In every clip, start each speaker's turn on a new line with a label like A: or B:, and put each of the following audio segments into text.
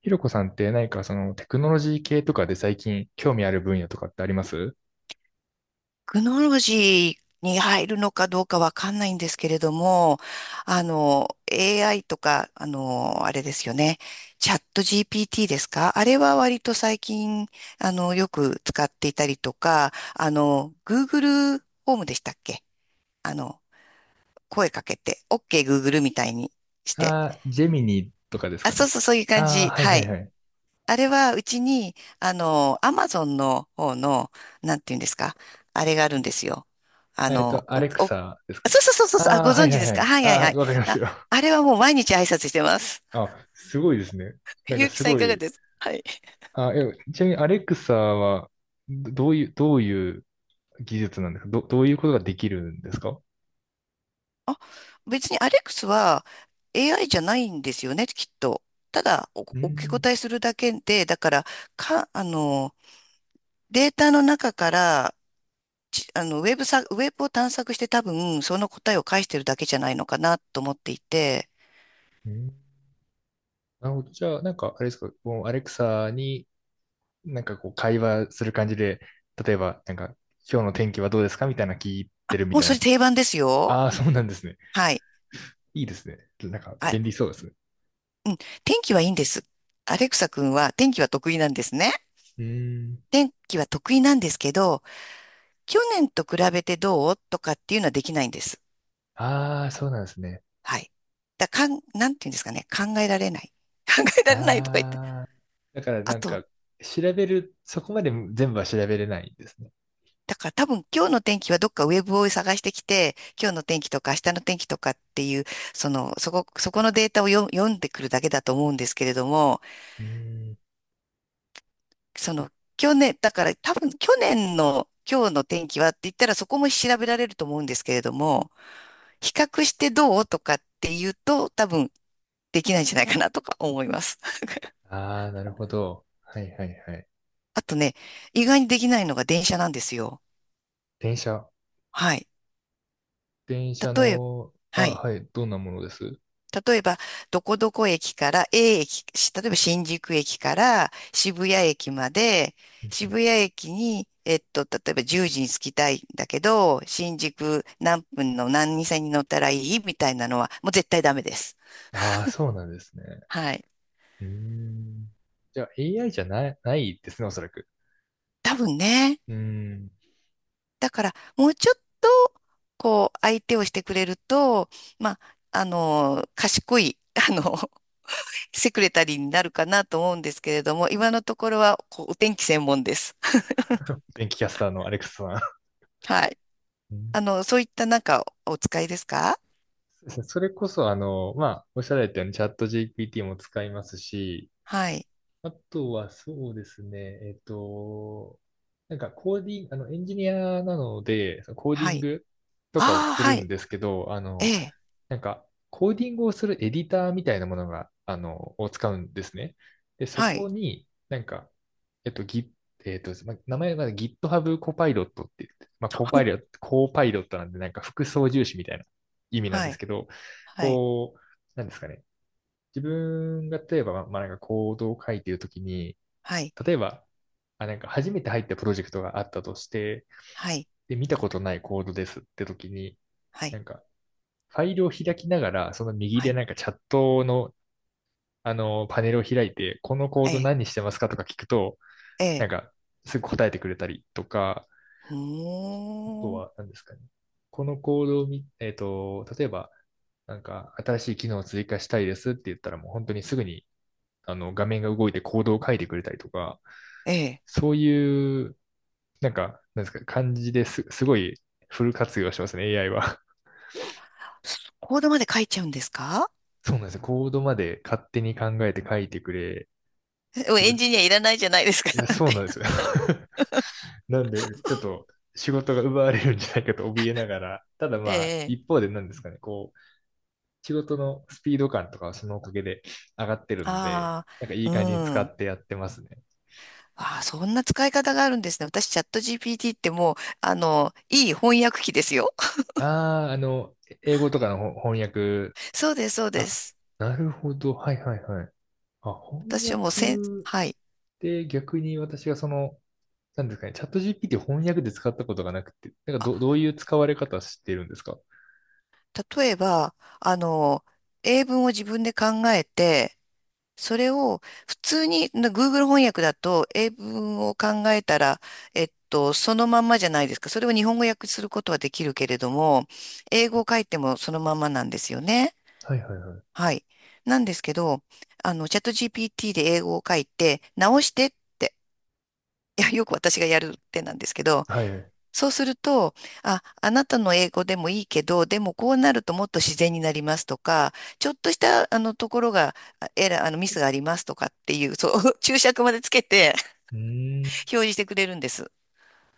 A: ひろこさんって何かそのテクノロジー系とかで最近興味ある分野とかってあります？
B: クノロジーに入るのかどうかわかんないんですけれども、AI とか、あれですよね。チャット GPT ですか？あれは割と最近、よく使っていたりとか、Google ホームでしたっけ？あの、声かけて、OK Google みたいにして。
A: ああー、ジェミニとかです
B: あ、
A: か
B: そ
A: ね。
B: うそう、そういう感
A: ああ、
B: じ。
A: はい
B: は
A: はい
B: い。
A: はい。
B: あれはうちに、アマゾンの方の、なんていうんですか、あれがあるんですよ。あ
A: えっと、
B: の、
A: ア
B: お、
A: レク
B: そ
A: サです
B: う
A: かね。
B: そうそうそうそう、あ、
A: あ
B: ご
A: あ、は
B: 存
A: いは
B: 知で
A: い
B: す
A: は
B: か？
A: い。
B: はい
A: あ
B: はいは
A: あ、
B: い。
A: わかります
B: あ、
A: よ。
B: あ れはもう毎日挨拶してます。
A: あ、すごいですね。なん
B: ゆ
A: か
B: うき
A: す
B: さんい
A: ご
B: かが
A: い。
B: ですか？はい。
A: あ、え、ちなみにアレクサはどういう、どういう技術なんですか？どういうことができるんですか？う
B: あ、別にアレックスは AI じゃないんですよね、きっと。ただ、お受け
A: ん。
B: 答えするだけで、だから、か、あの、データの中から、ちあの、ウェブさ、ウェブを探索して多分、その答えを返してるだけじゃないのかなと思っていて。
A: うん。なるほど。じゃあ、なんか、あれですか、もうアレクサになんかこう会話する感じで、例えばなんか今日の天気はどうですかみたいな聞いてるみ
B: もう
A: たい
B: それ
A: な。
B: 定番ですよ。
A: ああ、そうなんですね。
B: はい。
A: いいですね。なんか便
B: あ、
A: 利そうですね。
B: うん。天気はいいんです。アレクサ君は天気は得意なんですね。
A: うーん。
B: 天気は得意なんですけど、去年と比べてどうとかっていうのはできないんです。
A: ああ、そうなんですね。
B: はい。だかん、なんていうんですかね。考えられない。考えられないとか言って。
A: ああ、だから
B: あ
A: なんか
B: と、
A: 調べる、そこまで全部は調べれないんですね。
B: だから多分今日の天気はどっかウェブを探してきて、今日の天気とか明日の天気とかっていう、そこのデータを読読んでくるだけだと思うんですけれども、
A: うーん。
B: その、去年、だから多分去年の今日の天気はって言ったらそこも調べられると思うんですけれども、比較してどうとかって言うと多分できないんじゃないかなとか思います。
A: ああ、なるほど。はいはいはい。
B: あとね、意外にできないのが電車なんですよ。
A: 電車。
B: はい。
A: 電車
B: 例えば、
A: の、あ、
B: はい。
A: はい、どんなものです？
B: 例えば、どこどこ駅から A 駅、し例えば新宿駅から渋谷駅まで、渋谷駅に、えっと、例えば10時に着きたいんだけど、新宿何分の何線に乗ったらいいみたいなのは、もう絶対ダメです。
A: ああー、そうなんですね。
B: はい。
A: うーん。じゃあ AI じゃない、ないですね、おそらく。
B: 多分ね。
A: うん。
B: だから、もうちょっと、こう、相手をしてくれると、まあ、賢い、あの、セクレタリーになるかなと思うんですけれども、今のところは、こう、お天気専門です。
A: 電気キャスターのアレクサさん。
B: はい。
A: うん。
B: そういったなんかお使いですか？
A: そうですね。それこそ、まあ、おっしゃられたようにチャット GPT も使いますし、
B: はい。
A: あとはそうですね、えっと、なんかコーディング、エンジニアなので、そのコーデ
B: は
A: ィン
B: い。
A: グとかを
B: ああ、
A: す
B: は
A: るん
B: い。
A: ですけど、
B: ええ。
A: なんか、コーディングをするエディターみたいなものが、を使うんですね。で、そ
B: は
A: こ
B: い。
A: に、なんか、えっと、ギえっと、ま名前が GitHub コパイロットって言って、まあ、コパイロット、コーパイロットなんで、なんか副操縦士みたいな意味なん
B: は
A: です
B: い。
A: けど、
B: はい。
A: こう、なんですかね。自分が例えば、まあ、なんかコードを書いているときに、
B: はい。
A: 例えば、あ、なんか初めて入ったプロジェクトがあったとして、
B: はい。
A: で、見たことないコードですってときに、
B: は
A: な
B: い。
A: んか、ファイルを開きながら、その右
B: は
A: で
B: い。
A: なんかチャットの、パネルを開いて、このコー
B: え
A: ド
B: え。
A: 何してますかとか聞くと、
B: え
A: なん
B: え。
A: か、すぐ答えてくれたりとか、と
B: ほ
A: は
B: ー。
A: 何ですかね。このコードを見、えっと、例えば、なんか、新しい機能を追加したいですって言ったら、もう本当にすぐに、画面が動いてコードを書いてくれたりとか、
B: ええ。
A: そういう、なんか、なんですか、感じです、すごいフル活用してますね、AI は。
B: コードまで書いちゃうんですか？
A: そうなんですよ。コードまで勝手に考えて書いてくれ
B: えエン
A: る。
B: ジニアいらないじゃないですか。
A: い や、
B: なん
A: そう
B: て。
A: なんですよ。なんで、ちょっと仕事が奪われるんじゃないかと怯えながら、ただ
B: え
A: まあ、
B: え。
A: 一方で何ですかね、こう、仕事のスピード感とかはそのおかげで上がってるので、
B: あ
A: なんかい
B: あ、
A: い感じに
B: う
A: 使
B: ん。
A: ってやってますね。
B: ああ、そんな使い方があるんですね。私、チャット GPT ってもう、いい翻訳機ですよ。
A: ああ、英語とかのほ翻訳。
B: そうです、そうで
A: あ、
B: す。
A: なるほど。はいはいはい。あ、翻
B: 私はもうせん、
A: 訳
B: はい。
A: で逆に私がそのなんですかね、チャット GPT 翻訳で使ったことがなくて、なんかど、どういう使われ方してるんですか？
B: 例えば、あの、英文を自分で考えて、それを普通にな Google 翻訳だと英文を考えたら、えっと、そのまんまじゃないですか。それを日本語訳することはできるけれども、英語を書いてもそのまんまなんですよね。
A: はいはいはい。
B: はい。なんですけど、チャット GPT で英語を書いて、直してって、いや、よく私がやるってなんですけど、
A: はい。う
B: そうすると、あ、あなたの英語でもいいけど、でもこうなるともっと自然になりますとか、ちょっとしたあのところが、あエラー、あのミスがありますとかっていう、そう、注釈までつけて
A: ーん。
B: 表示してくれるんです。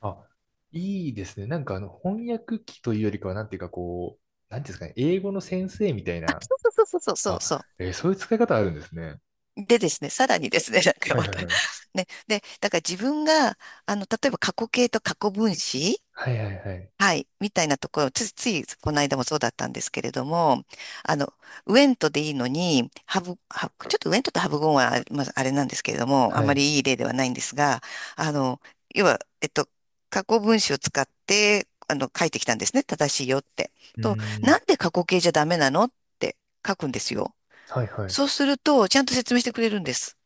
A: あ、いいですね。なんかあの、翻訳機というよりかは、なんていうかこう、なんていうんですかね、英語の先生みたい
B: あ、
A: な。
B: そうそうそうそうそう
A: あ、
B: そう。
A: えーそういう使い方あるんですね。
B: でですね、さらにですね、なんか
A: はい
B: ま
A: はい
B: た
A: はい。
B: ね、で、だから自分が、例えば過去形と過去分詞
A: はいはいはい。
B: はい、みたいなところ、ついこの間もそうだったんですけれども、あの、ウエントでいいのに、ハブちょっとウエントとハブゴンはあまあ、あれなんですけれども、あ
A: は
B: ま
A: い。
B: りいい例ではないんですが、あの、要は、えっと、過去分詞を使って、書いてきたんですね。正しいよって。
A: う
B: と、
A: ー
B: な
A: ん。
B: んで過去形じゃダメなのって書くんですよ。
A: はいはい。
B: そうすると、ちゃんと説明してくれるんです。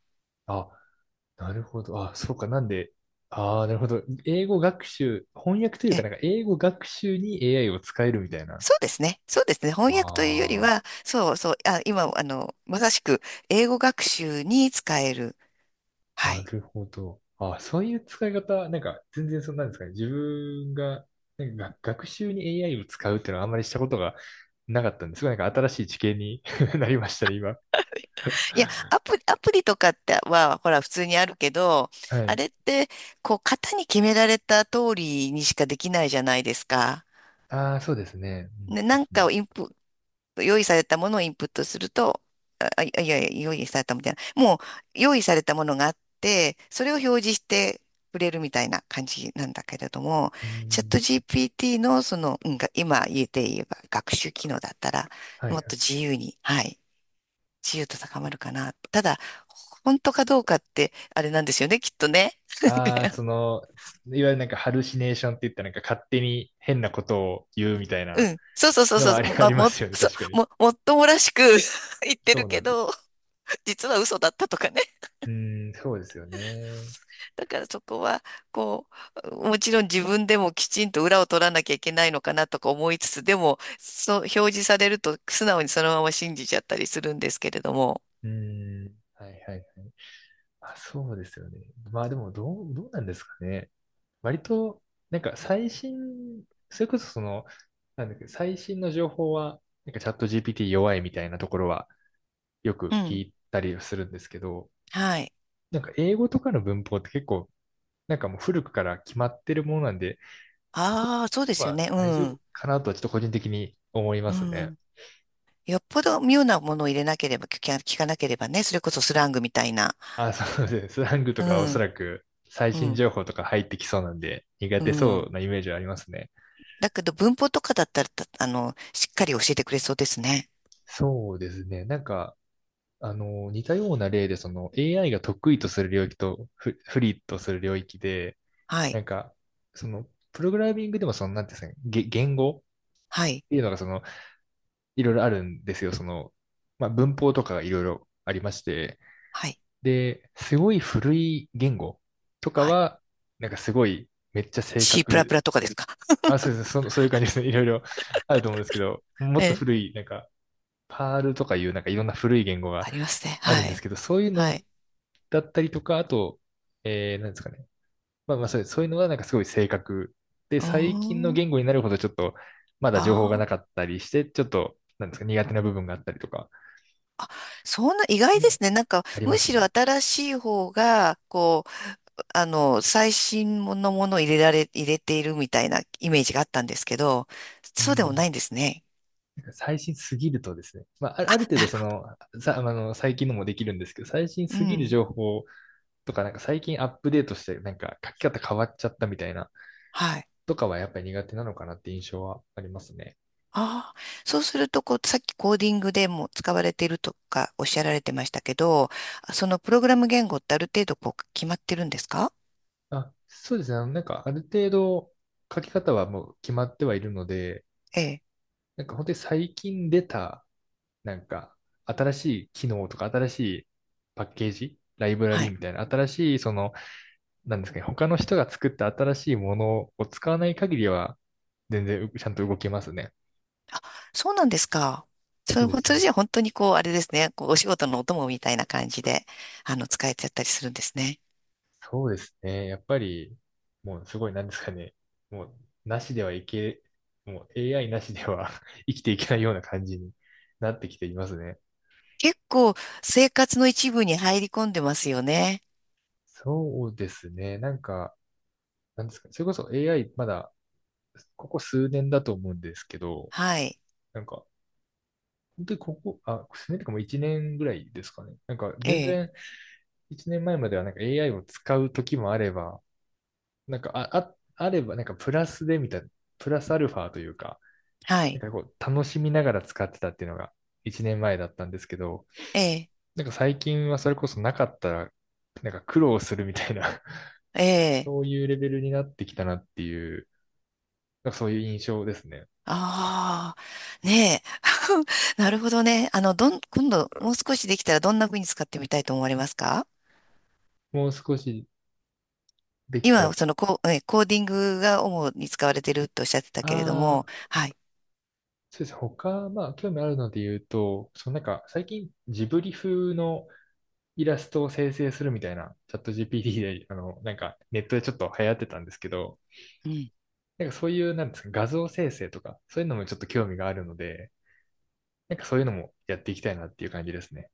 A: あ、なるほど。あ、そうか。なんで、ああ、なるほど。英語学習、翻訳というか、なんか英語学習に AI を使えるみたいな。
B: そうですね。そうですね。翻訳というより
A: あ
B: は、そうそう、あ、今、まさしく英語学習に使える。
A: あ、
B: は
A: な
B: い。
A: るほど。あ、そういう使い方、なんか全然そんなんですかね。自分が、なんか学学習に AI を使うっていうのはあんまりしたことがなかったんですが、なんか新しい知見に なりましたね、今。
B: いや、アプリとかっては、ほら、普通にあるけど、
A: は
B: あ
A: い。
B: れって、こう、型に決められた通りにしかできないじゃないですか。
A: ああ、そうですね。
B: ね、なん
A: うん、
B: かをインプ、用意されたものをインプットすると、用意されたみたいな。もう用意されたものがあって、それを表示してくれるみたいな感じなんだけれども、
A: うん、うん。
B: チャ
A: う
B: ット
A: ん。
B: GPT のその、うん、が今言えて言えば学習機能だったら、
A: は
B: もっと
A: い。
B: 自由に、はい、自由と高まるかな。ただ、本当かどうかって、あれなんですよね、きっとね。
A: ああ、その、いわゆるなんかハルシネーションって言ったなんか勝手に変なことを言うみたい
B: う
A: な
B: ん。そうそうそう
A: の
B: そ
A: はあり、
B: う。
A: ありますよね、確かに。
B: もっともらしく 言って
A: そ
B: る
A: うな
B: け
A: んです。
B: ど、実は嘘だったとかね。
A: うーん、そうですよね。
B: だからそこは、こう、もちろん自分でもきちんと裏を取らなきゃいけないのかなとか思いつつ、でも、そう、表示されると素直にそのまま信じちゃったりするんですけれども。
A: うーん、はいはいはい。あ、そうですよね。まあでも、どう、どうなんですかね。割と、なんか最新、それこそその、なんだっけ、最新の情報は、なんかチャット GPT 弱いみたいなところはよ
B: う
A: く聞
B: ん。
A: いたりするんですけど、
B: はい。
A: なんか英語とかの文法って結構なんかもう古くから決まってるものなんで、そこ
B: ああ、そうですよ
A: は
B: ね。う
A: 大丈夫
B: ん。
A: かなとはちょっと個人的に思いま
B: う
A: すね。
B: ん。よっぽど妙なものを入れなければ、聞かなければね、それこそスラングみたいな。
A: あ、そうですね。スラングと
B: う
A: かはおそ
B: ん。
A: らく最
B: う
A: 新
B: ん。
A: 情報とか入ってきそうなんで、苦
B: う
A: 手そ
B: ん。
A: うなイメージはありますね。
B: だけど文法とかだったら、たあの、しっかり教えてくれそうですね。
A: そうですね。なんか、似たような例で、その AI が得意とする領域とフ、不利とする領域で、
B: は
A: な
B: い。
A: んか、その、プログラミングでもその、なんていうんですかね、げ言語っ
B: はい。
A: ていうのがその、いろいろあるんですよ。その、まあ、文法とかがいろいろありまして、
B: はい。
A: で、すごい古い言語とか
B: はい。
A: は、なんかすごいめっちゃ正
B: チープラ
A: 確、
B: プラとかですか？
A: あ、そうです、そ、そういう感じですね。いろいろあると思うんですけど、もっと
B: ええ、
A: 古い、なんか、パールとかいう、なんかいろんな古い言語
B: あ
A: が
B: りますね。
A: ある
B: は
A: んです
B: い。
A: けど、そういう
B: は
A: の
B: い。
A: だったりとか、あと、えー、なんですかね。まあまあそうです、そういうのはなんかすごい正確で、
B: うー
A: 最近の
B: ん。
A: 言語になるほどちょっと、まだ
B: あ
A: 情報が
B: ー
A: なかったりして、ちょっと、なんですか、苦手な部分があったりとか
B: あ。そんな意外で
A: も
B: すね。なんか、
A: ありま
B: む
A: す
B: しろ
A: ね。
B: 新しい方が、こう、最新のものを入れているみたいなイメージがあったんですけど、
A: う
B: そうでもな
A: ん。
B: いんですね。
A: 最新すぎるとですね、まあ、あ
B: あ、
A: る程度
B: なる
A: そ
B: ほ
A: の、さ、最近のもできるんですけど、最新
B: ど。う
A: すぎる
B: ん。
A: 情報とか、なんか最近アップデートして、なんか書き方変わっちゃったみたいな、
B: はい。
A: とかはやっぱり苦手なのかなって印象はありますね。
B: ああ。そうすると、こう、さっきコーディングでも使われているとかおっしゃられてましたけど、そのプログラム言語ってある程度、こう、決まってるんですか？
A: あ、そうですね。なんかある程度書き方はもう決まってはいるので、
B: ええ。
A: なんか本当に最近出た、なんか新しい機能とか新しいパッケージ、ライブラ
B: は
A: リー
B: い。
A: みたいな、新しいそのなんですかね、他の人が作った新しいものを使わない限りは、全然うちゃんと動けますね。
B: そうなんですか。そ
A: そう
B: れ、
A: です、
B: それ
A: ね。
B: じゃ本当にこう、あれですね。こう、お仕事のお供みたいな感じで、使えちゃったりするんですね。
A: そうですね。やっぱり、もうすごい、なんですかね、もう、なしではいけ、もう AI なしでは 生きていけないような感じに なってきていますね。
B: 結構、生活の一部に入り込んでますよね。
A: そうですね。なんか、なんですかね、それこそ AI、まだ、ここ数年だと思うんですけど、
B: はい。
A: なんか、本当にここ、あ、数年とかもう1年ぐらいですかね。なんか、
B: え
A: 全
B: え。
A: 然、1年前まえまではなんか AI を使う時もあれば、なんかあ、あ、あればなんかプラスでみたいな、プラスアルファというか、
B: は
A: な
B: い。
A: んかこう楽しみながら使ってたっていうのが1年前だったんですけど、
B: ええ。
A: なんか最近はそれこそなかったら、なんか苦労するみたいな
B: え
A: そ
B: え。
A: ういうレベルになってきたなっていう、なんかそういう印象ですね。
B: ああ。ねえ。なるほどね。今度、もう少しできたらどんな風に使ってみたいと思われますか？
A: もう少しできたら、
B: 今、そのコ、こえ、コーディングが主に使われてるとおっしゃってたけれど
A: あ
B: も、
A: あ、
B: はい。
A: そうです。他、まあ、興味あるので言うと、そのなんか、最近、ジブリ風のイラストを生成するみたいな、チャット GPT で、なんかネットでちょっと流行ってたんですけど、
B: うん
A: なんかそういう、なんですか、画像生成とか、そういうのもちょっと興味があるので、なんかそういうのもやっていきたいなっていう感じですね。